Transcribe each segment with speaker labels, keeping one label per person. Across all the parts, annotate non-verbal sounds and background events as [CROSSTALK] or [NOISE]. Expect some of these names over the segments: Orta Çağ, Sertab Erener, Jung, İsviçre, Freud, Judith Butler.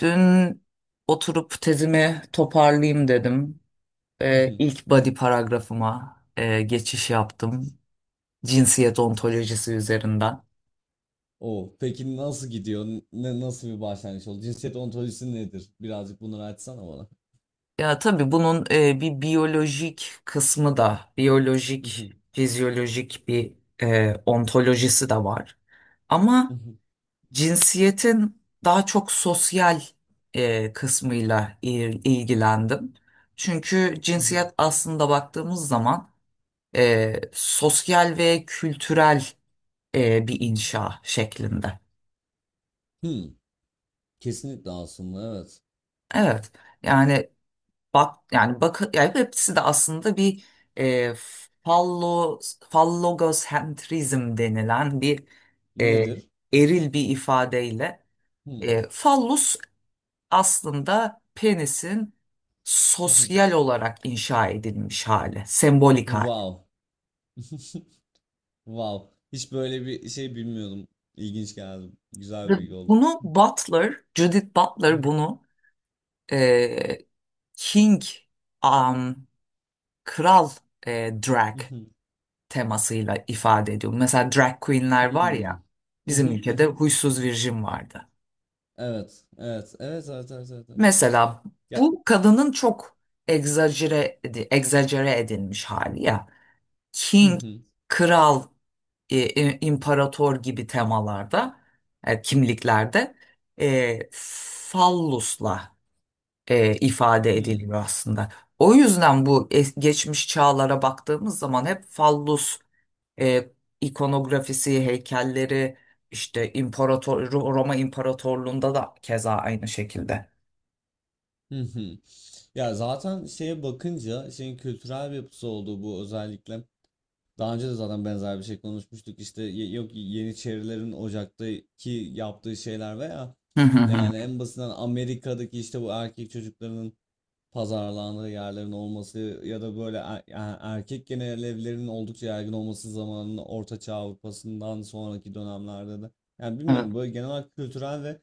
Speaker 1: Dün oturup tezimi toparlayayım dedim. İlk body paragrafıma geçiş yaptım. Cinsiyet ontolojisi üzerinden.
Speaker 2: O peki nasıl gidiyor? Ne nasıl bir başlangıç oldu? Cinsiyet ontolojisi nedir? Birazcık bunları açsana bana.
Speaker 1: Ya tabii bunun bir biyolojik kısmı da, biyolojik,
Speaker 2: Mhm,
Speaker 1: fizyolojik bir ontolojisi de var. Ama
Speaker 2: mhm,
Speaker 1: cinsiyetin daha çok sosyal kısmıyla ilgilendim. Çünkü
Speaker 2: mhm.
Speaker 1: cinsiyet aslında baktığımız zaman sosyal ve kültürel bir inşa şeklinde.
Speaker 2: Hmm, kesinlikle aslında evet.
Speaker 1: Evet. Yani bak yani hepsi de aslında bir e, fallo fallogocentrizm denilen bir e,
Speaker 2: Nedir? [LAUGHS]
Speaker 1: eril bir ifadeyle
Speaker 2: Hmm,
Speaker 1: fallus aslında penisin
Speaker 2: mhm.
Speaker 1: sosyal olarak inşa edilmiş hali, sembolik hali.
Speaker 2: Wow. [LAUGHS] Wow. Hiç böyle bir şey bilmiyordum. İlginç geldi. Güzel
Speaker 1: Ve
Speaker 2: bir bilgi oldu.
Speaker 1: bunu Butler, Judith Butler
Speaker 2: Mhm,
Speaker 1: bunu e, King, um, kral drag
Speaker 2: mhm.
Speaker 1: temasıyla ifade ediyor. Mesela drag queenler var
Speaker 2: Hmm.
Speaker 1: ya, bizim
Speaker 2: Mhm,
Speaker 1: ülkede
Speaker 2: mhm.
Speaker 1: huysuz virjin vardı.
Speaker 2: Evet, evet, evet, evet, evet, evet, evet.
Speaker 1: Mesela
Speaker 2: Ya-
Speaker 1: bu kadının çok egzajere, egzajere edilmiş hali ya. King,
Speaker 2: Mhm,
Speaker 1: kral, imparator gibi temalarda, kimliklerde fallusla ifade
Speaker 2: hmm.
Speaker 1: ediliyor aslında. O yüzden bu geçmiş çağlara baktığımız zaman hep fallus e, ikonografisi, heykelleri işte imparator Roma İmparatorluğu'nda da keza aynı şekilde.
Speaker 2: Hı hı. Ya zaten şeye bakınca şeyin kültürel bir yapısı olduğu, bu özellikle daha önce de zaten benzer bir şey konuşmuştuk, işte yok, Yeniçerilerin Ocak'taki yaptığı şeyler veya
Speaker 1: Hı hı hı.
Speaker 2: yani en basitinden Amerika'daki işte bu erkek çocuklarının pazarlandığı yerlerin olması ya da böyle yani erkek genel evlerinin oldukça yaygın olması zamanının Orta Çağ Avrupa'sından sonraki dönemlerde de, yani
Speaker 1: Evet,
Speaker 2: bilmiyorum, böyle genel olarak kültürel ve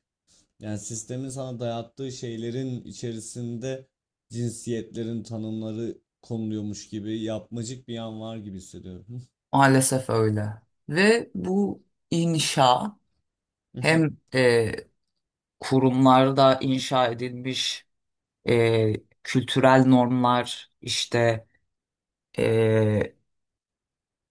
Speaker 2: yani sistemin sana dayattığı şeylerin içerisinde cinsiyetlerin tanımları konuluyormuş gibi yapmacık bir yan var gibi hissediyorum.
Speaker 1: maalesef öyle. Ve bu inşa hem
Speaker 2: [LAUGHS]
Speaker 1: kurumlarda inşa edilmiş e, kültürel normlar işte e,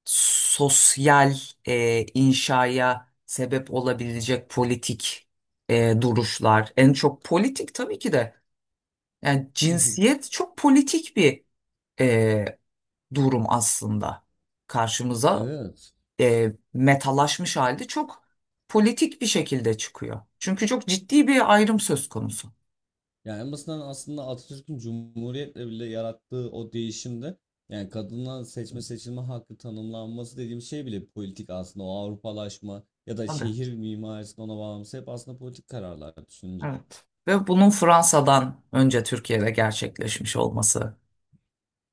Speaker 1: sosyal inşaya sebep olabilecek politik duruşlar en çok politik tabii ki de yani cinsiyet çok politik bir e, durum aslında karşımıza
Speaker 2: Evet.
Speaker 1: metalaşmış halde çok politik bir şekilde çıkıyor. Çünkü çok ciddi bir ayrım söz konusu.
Speaker 2: Yani en basitinden aslında Atatürk'ün Cumhuriyet'le bile yarattığı o değişimde, yani kadına seçme seçilme hakkı tanımlanması dediğim şey bile politik aslında, o Avrupalaşma ya da
Speaker 1: Tabii.
Speaker 2: şehir mimarisinin ona bağlaması hep aslında politik kararlar düşününce.
Speaker 1: Evet. Ve bunun Fransa'dan önce Türkiye'de gerçekleşmiş olması.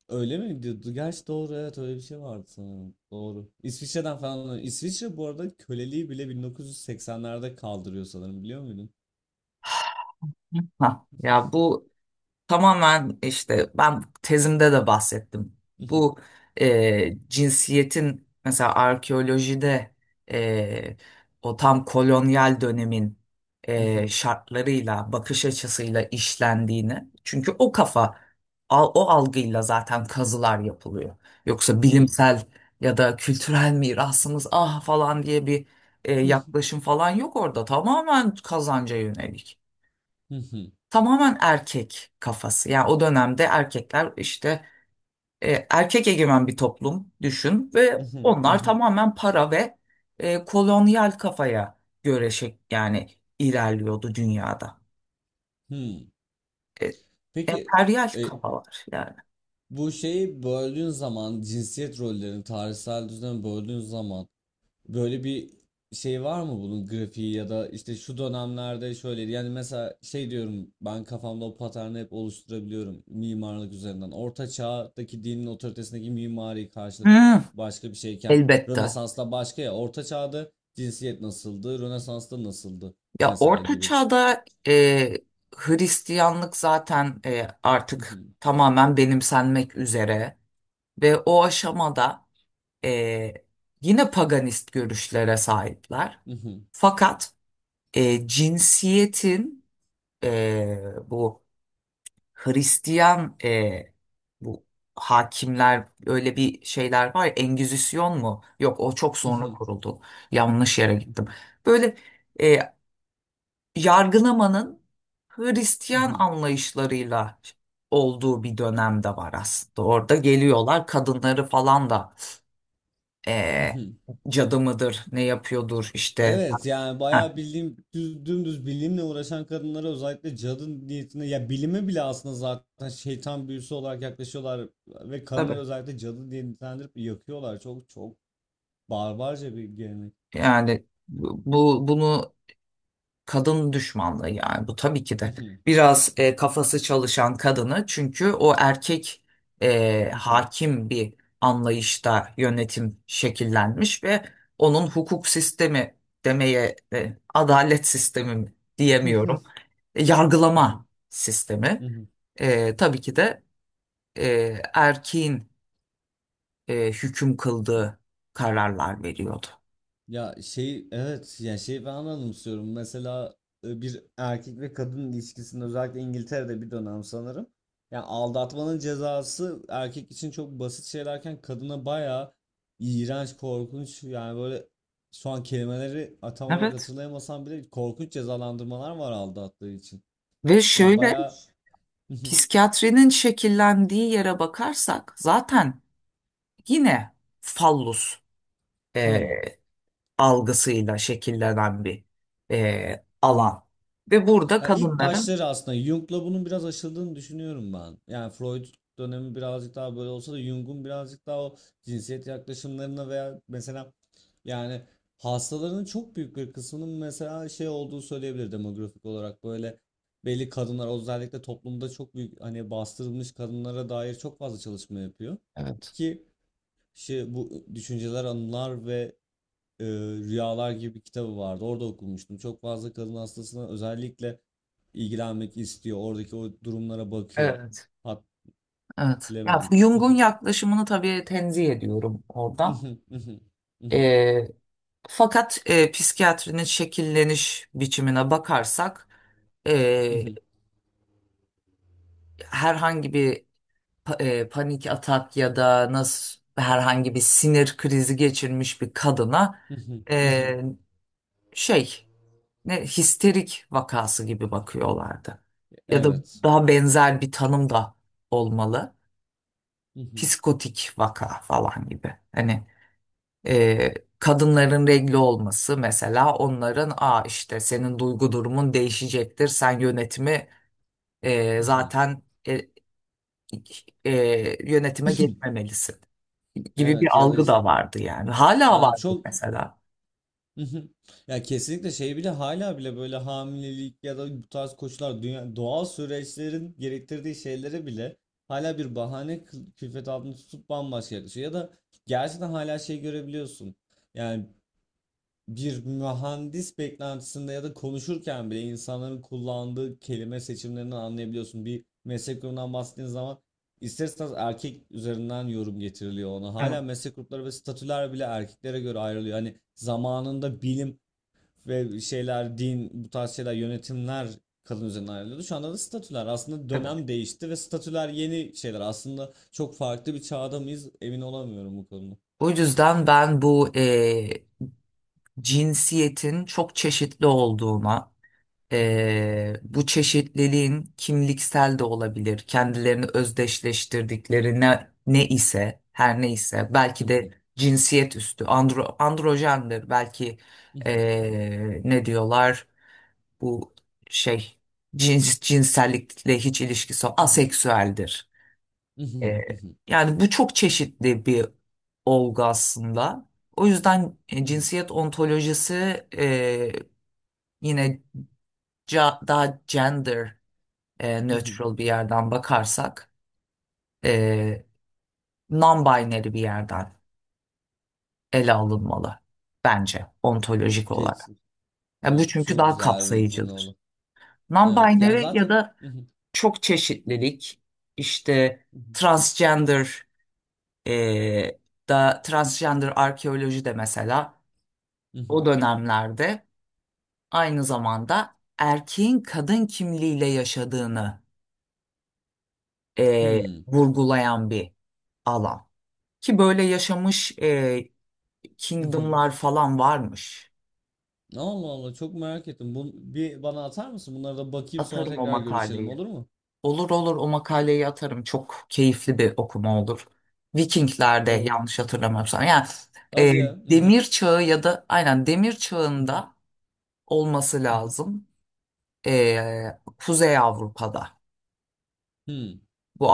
Speaker 2: Öyle mi diyordu? Gerçi doğru, evet, öyle bir şey vardı sanırım. Doğru. İsviçre'den falan. İsviçre bu arada köleliği bile 1980'lerde kaldırıyor sanırım, biliyor muydun?
Speaker 1: Ha, ya bu tamamen işte ben tezimde de bahsettim. Bu cinsiyetin mesela arkeolojide e, o tam kolonyal dönemin şartlarıyla, bakış açısıyla işlendiğini. Çünkü o kafa, o algıyla zaten kazılar yapılıyor. Yoksa bilimsel ya da kültürel mirasımız ah falan diye bir
Speaker 2: [LAUGHS]
Speaker 1: yaklaşım falan yok orada. Tamamen kazanca yönelik, tamamen erkek kafası. Yani o dönemde erkekler işte erkek egemen bir toplum düşün ve onlar tamamen para ve kolonyal kafaya göre şey, yani ilerliyordu dünyada. E,
Speaker 2: Peki
Speaker 1: emperyal
Speaker 2: e,
Speaker 1: kafalar yani.
Speaker 2: bu şeyi böldüğün zaman, cinsiyet rollerini tarihsel düzeni böldüğün zaman, böyle bir şey var mı, bunun grafiği ya da işte şu dönemlerde şöyle, yani mesela şey diyorum, ben kafamda o paterni hep oluşturabiliyorum mimarlık üzerinden. Orta çağdaki dinin otoritesindeki mimari karşılık
Speaker 1: Hmm,
Speaker 2: başka bir şeyken,
Speaker 1: elbette.
Speaker 2: Rönesansla başka. Ya Orta çağda cinsiyet nasıldı, Rönesans'ta nasıldı
Speaker 1: Ya
Speaker 2: mesela
Speaker 1: Orta
Speaker 2: gibi.
Speaker 1: Çağ'da Hristiyanlık zaten artık tamamen benimsenmek üzere ve o aşamada e, yine paganist görüşlere sahipler. Fakat cinsiyetin bu Hristiyan bu hakimler öyle bir şeyler var ya, Engizisyon mu? Yok, o çok sonra kuruldu. Yanlış yere gittim. Böyle. E, Yargılamanın Hristiyan anlayışlarıyla olduğu bir dönemde var aslında. Orada geliyorlar kadınları falan da eee
Speaker 2: [LAUGHS]
Speaker 1: cadı mıdır, ne yapıyordur işte. [LAUGHS]
Speaker 2: Evet, yani
Speaker 1: Ha,
Speaker 2: bayağı bildiğim düz, dümdüz bilimle uğraşan kadınlara özellikle cadı niyetine, ya bilime bile aslında zaten şeytan büyüsü olarak yaklaşıyorlar ve kadınları
Speaker 1: tabii.
Speaker 2: özellikle cadı diye nitelendirip yakıyorlar. Çok çok barbarca bir gelenek.
Speaker 1: Yani bunu kadın düşmanlığı yani bu tabii ki de biraz kafası çalışan kadını çünkü o erkek hakim bir anlayışta yönetim şekillenmiş ve onun hukuk sistemi demeye adalet sistemi mi diyemiyorum. Yargılama sistemi tabii ki de erkeğin hüküm
Speaker 2: [LAUGHS]
Speaker 1: kıldığı kararlar veriyordu.
Speaker 2: Ya şey, evet, yani şeyi ben anımsıyorum. Mesela bir erkek ve kadın ilişkisinde, özellikle İngiltere'de bir dönem sanırım. Yani aldatmanın cezası erkek için çok basit şeylerken, kadına bayağı iğrenç, korkunç, yani böyle, şu an kelimeleri tam olarak
Speaker 1: Evet.
Speaker 2: hatırlayamasam bile korkunç cezalandırmalar var aldattığı için.
Speaker 1: Ve
Speaker 2: Yani
Speaker 1: şöyle,
Speaker 2: bayağı [LAUGHS]
Speaker 1: psikiyatrinin şekillendiği yere bakarsak zaten yine fallus e,
Speaker 2: hmm.
Speaker 1: algısıyla şekillenen bir alan. Ve burada
Speaker 2: Ya ilk
Speaker 1: kadınların
Speaker 2: başları aslında Jung'la bunun biraz aşıldığını düşünüyorum ben. Yani Freud dönemi birazcık daha böyle olsa da, Jung'un birazcık daha o cinsiyet yaklaşımlarına veya mesela yani hastalarının çok büyük bir kısmının mesela şey olduğu söyleyebilir, demografik olarak böyle belli kadınlar, özellikle toplumda çok büyük hani bastırılmış kadınlara dair çok fazla çalışma yapıyor
Speaker 1: evet.
Speaker 2: ki şey, bu Düşünceler, Anılar ve Rüyalar gibi bir kitabı vardı. Orada okumuştum. Çok fazla kadın hastasına özellikle ilgilenmek istiyor. Oradaki o durumlara bakıyor.
Speaker 1: Evet.
Speaker 2: Hat
Speaker 1: Evet. Ya
Speaker 2: bilemedim.
Speaker 1: Jung'un
Speaker 2: [LAUGHS]
Speaker 1: yaklaşımını tabii tenzih ediyorum oradan. E, Fakat psikiyatrinin şekilleniş biçimine bakarsak e, herhangi bir panik atak ya da nasıl herhangi bir sinir krizi geçirmiş bir kadına e, şey ne histerik vakası gibi bakıyorlardı. Ya da
Speaker 2: Evet.
Speaker 1: daha benzer bir tanım da olmalı.
Speaker 2: [LAUGHS]
Speaker 1: Psikotik vaka falan gibi. Hani kadınların regli olması mesela onların aa işte senin duygu durumun değişecektir. Sen yönetimi zaten e, yönetime geçmemelisin gibi bir
Speaker 2: Evet ya da
Speaker 1: algı
Speaker 2: işte,
Speaker 1: da vardı yani. Hala
Speaker 2: yani
Speaker 1: vardı
Speaker 2: çok.
Speaker 1: mesela.
Speaker 2: Hı hı. Ya kesinlikle şey bile, hala bile böyle hamilelik ya da bu tarz koşullar, dünya doğal süreçlerin gerektirdiği şeylere bile hala bir bahane külfet altında tutup bambaşka yaklaşıyor. Ya da gerçekten hala şey görebiliyorsun. Yani bir mühendis beklentisinde ya da konuşurken bile insanların kullandığı kelime seçimlerinden anlayabiliyorsun. Bir meslek grubundan bahsettiğin zaman ister istemez erkek üzerinden yorum getiriliyor ona.
Speaker 1: Evet,
Speaker 2: Hala meslek grupları ve statüler bile erkeklere göre ayrılıyor. Hani zamanında bilim ve şeyler, din, bu tarz şeyler, yönetimler kadın üzerinden ayrılıyordu. Şu anda da statüler. Aslında
Speaker 1: evet.
Speaker 2: dönem değişti ve statüler yeni şeyler. Aslında çok farklı bir çağda mıyız, emin olamıyorum bu konuda.
Speaker 1: O yüzden ben bu cinsiyetin çok çeşitli olduğuna. Bu çeşitliliğin kimliksel de olabilir, kendilerini özdeşleştirdikleri ne, ne ise, her ne ise belki de cinsiyet üstü, andro, androjendir, belki ne diyorlar, bu şey cins, cinsellikle hiç ilişkisi yok, aseksüeldir. Ee, Yani bu çok çeşitli bir olgu aslında. O yüzden cinsiyet ontolojisi yine daha gender
Speaker 2: [LAUGHS]
Speaker 1: neutral bir yerden bakarsak e, non-binary bir yerden ele alınmalı bence ontolojik olarak.
Speaker 2: Kesin.
Speaker 1: Yani
Speaker 2: Ya,
Speaker 1: bu çünkü
Speaker 2: çok
Speaker 1: daha
Speaker 2: güzel bir cümle
Speaker 1: kapsayıcıdır.
Speaker 2: oldu. Evet. Yani
Speaker 1: Non-binary ya
Speaker 2: zaten
Speaker 1: da
Speaker 2: [LAUGHS]
Speaker 1: çok çeşitlilik işte transgender e, transgender arkeoloji de mesela o dönemlerde aynı zamanda erkeğin kadın kimliğiyle yaşadığını e,
Speaker 2: hmm.
Speaker 1: vurgulayan bir alan. Ki böyle yaşamış Kingdom'lar
Speaker 2: [LAUGHS]
Speaker 1: falan varmış.
Speaker 2: Allah Allah, çok merak ettim. Bu, bir bana atar mısın? Bunlara da bakayım, sonra
Speaker 1: Atarım o
Speaker 2: tekrar görüşelim,
Speaker 1: makaleyi.
Speaker 2: olur mu?
Speaker 1: Olur olur, o makaleyi atarım. Çok keyifli bir okuma olur. Vikingler'de
Speaker 2: Olur.
Speaker 1: yanlış hatırlamıyorsam. Yani e,
Speaker 2: Hadi ya.
Speaker 1: demir çağı ya da aynen demir çağında olması
Speaker 2: [LAUGHS]
Speaker 1: lazım. Kuzey Avrupa'da
Speaker 2: Hmm.
Speaker 1: bu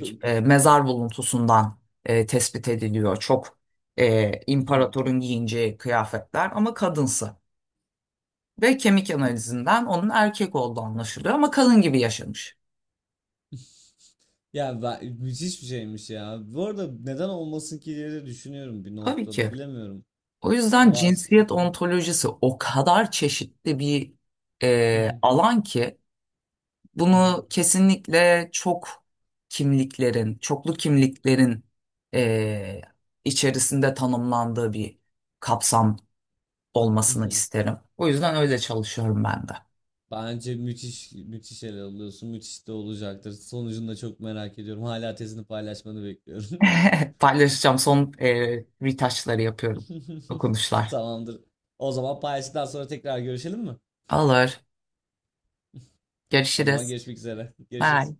Speaker 2: Bö
Speaker 1: mezar buluntusundan tespit ediliyor. Çok
Speaker 2: hı hı.
Speaker 1: imparatorun giyineceği kıyafetler ama kadınsı. Ve kemik analizinden onun erkek olduğu anlaşılıyor ama kadın gibi yaşamış.
Speaker 2: [LAUGHS] Ya, ben müthiş bir şeymiş ya. Bu arada neden olmasın ki diye de düşünüyorum bir
Speaker 1: Tabii
Speaker 2: noktada.
Speaker 1: ki.
Speaker 2: Bilemiyorum.
Speaker 1: O
Speaker 2: Ya
Speaker 1: yüzden
Speaker 2: bazı
Speaker 1: cinsiyet ontolojisi o kadar çeşitli bir
Speaker 2: hı hı.
Speaker 1: alan ki
Speaker 2: Hı hı.
Speaker 1: bunu kesinlikle çok kimliklerin, çoklu kimliklerin e, içerisinde tanımlandığı bir kapsam olmasını isterim. O yüzden öyle çalışıyorum ben de.
Speaker 2: Bence müthiş müthiş ele alıyorsun. Müthiş de olacaktır. Sonucunu da çok merak ediyorum. Hala tezini paylaşmanı bekliyorum.
Speaker 1: [LAUGHS] Paylaşacağım. Son retouchları yapıyorum.
Speaker 2: [LAUGHS]
Speaker 1: Dokunuşlar.
Speaker 2: Tamamdır. O zaman paylaştıktan sonra tekrar görüşelim mi?
Speaker 1: Alır.
Speaker 2: O zaman
Speaker 1: Görüşürüz.
Speaker 2: görüşmek üzere.
Speaker 1: Ha,
Speaker 2: Görüşürüz.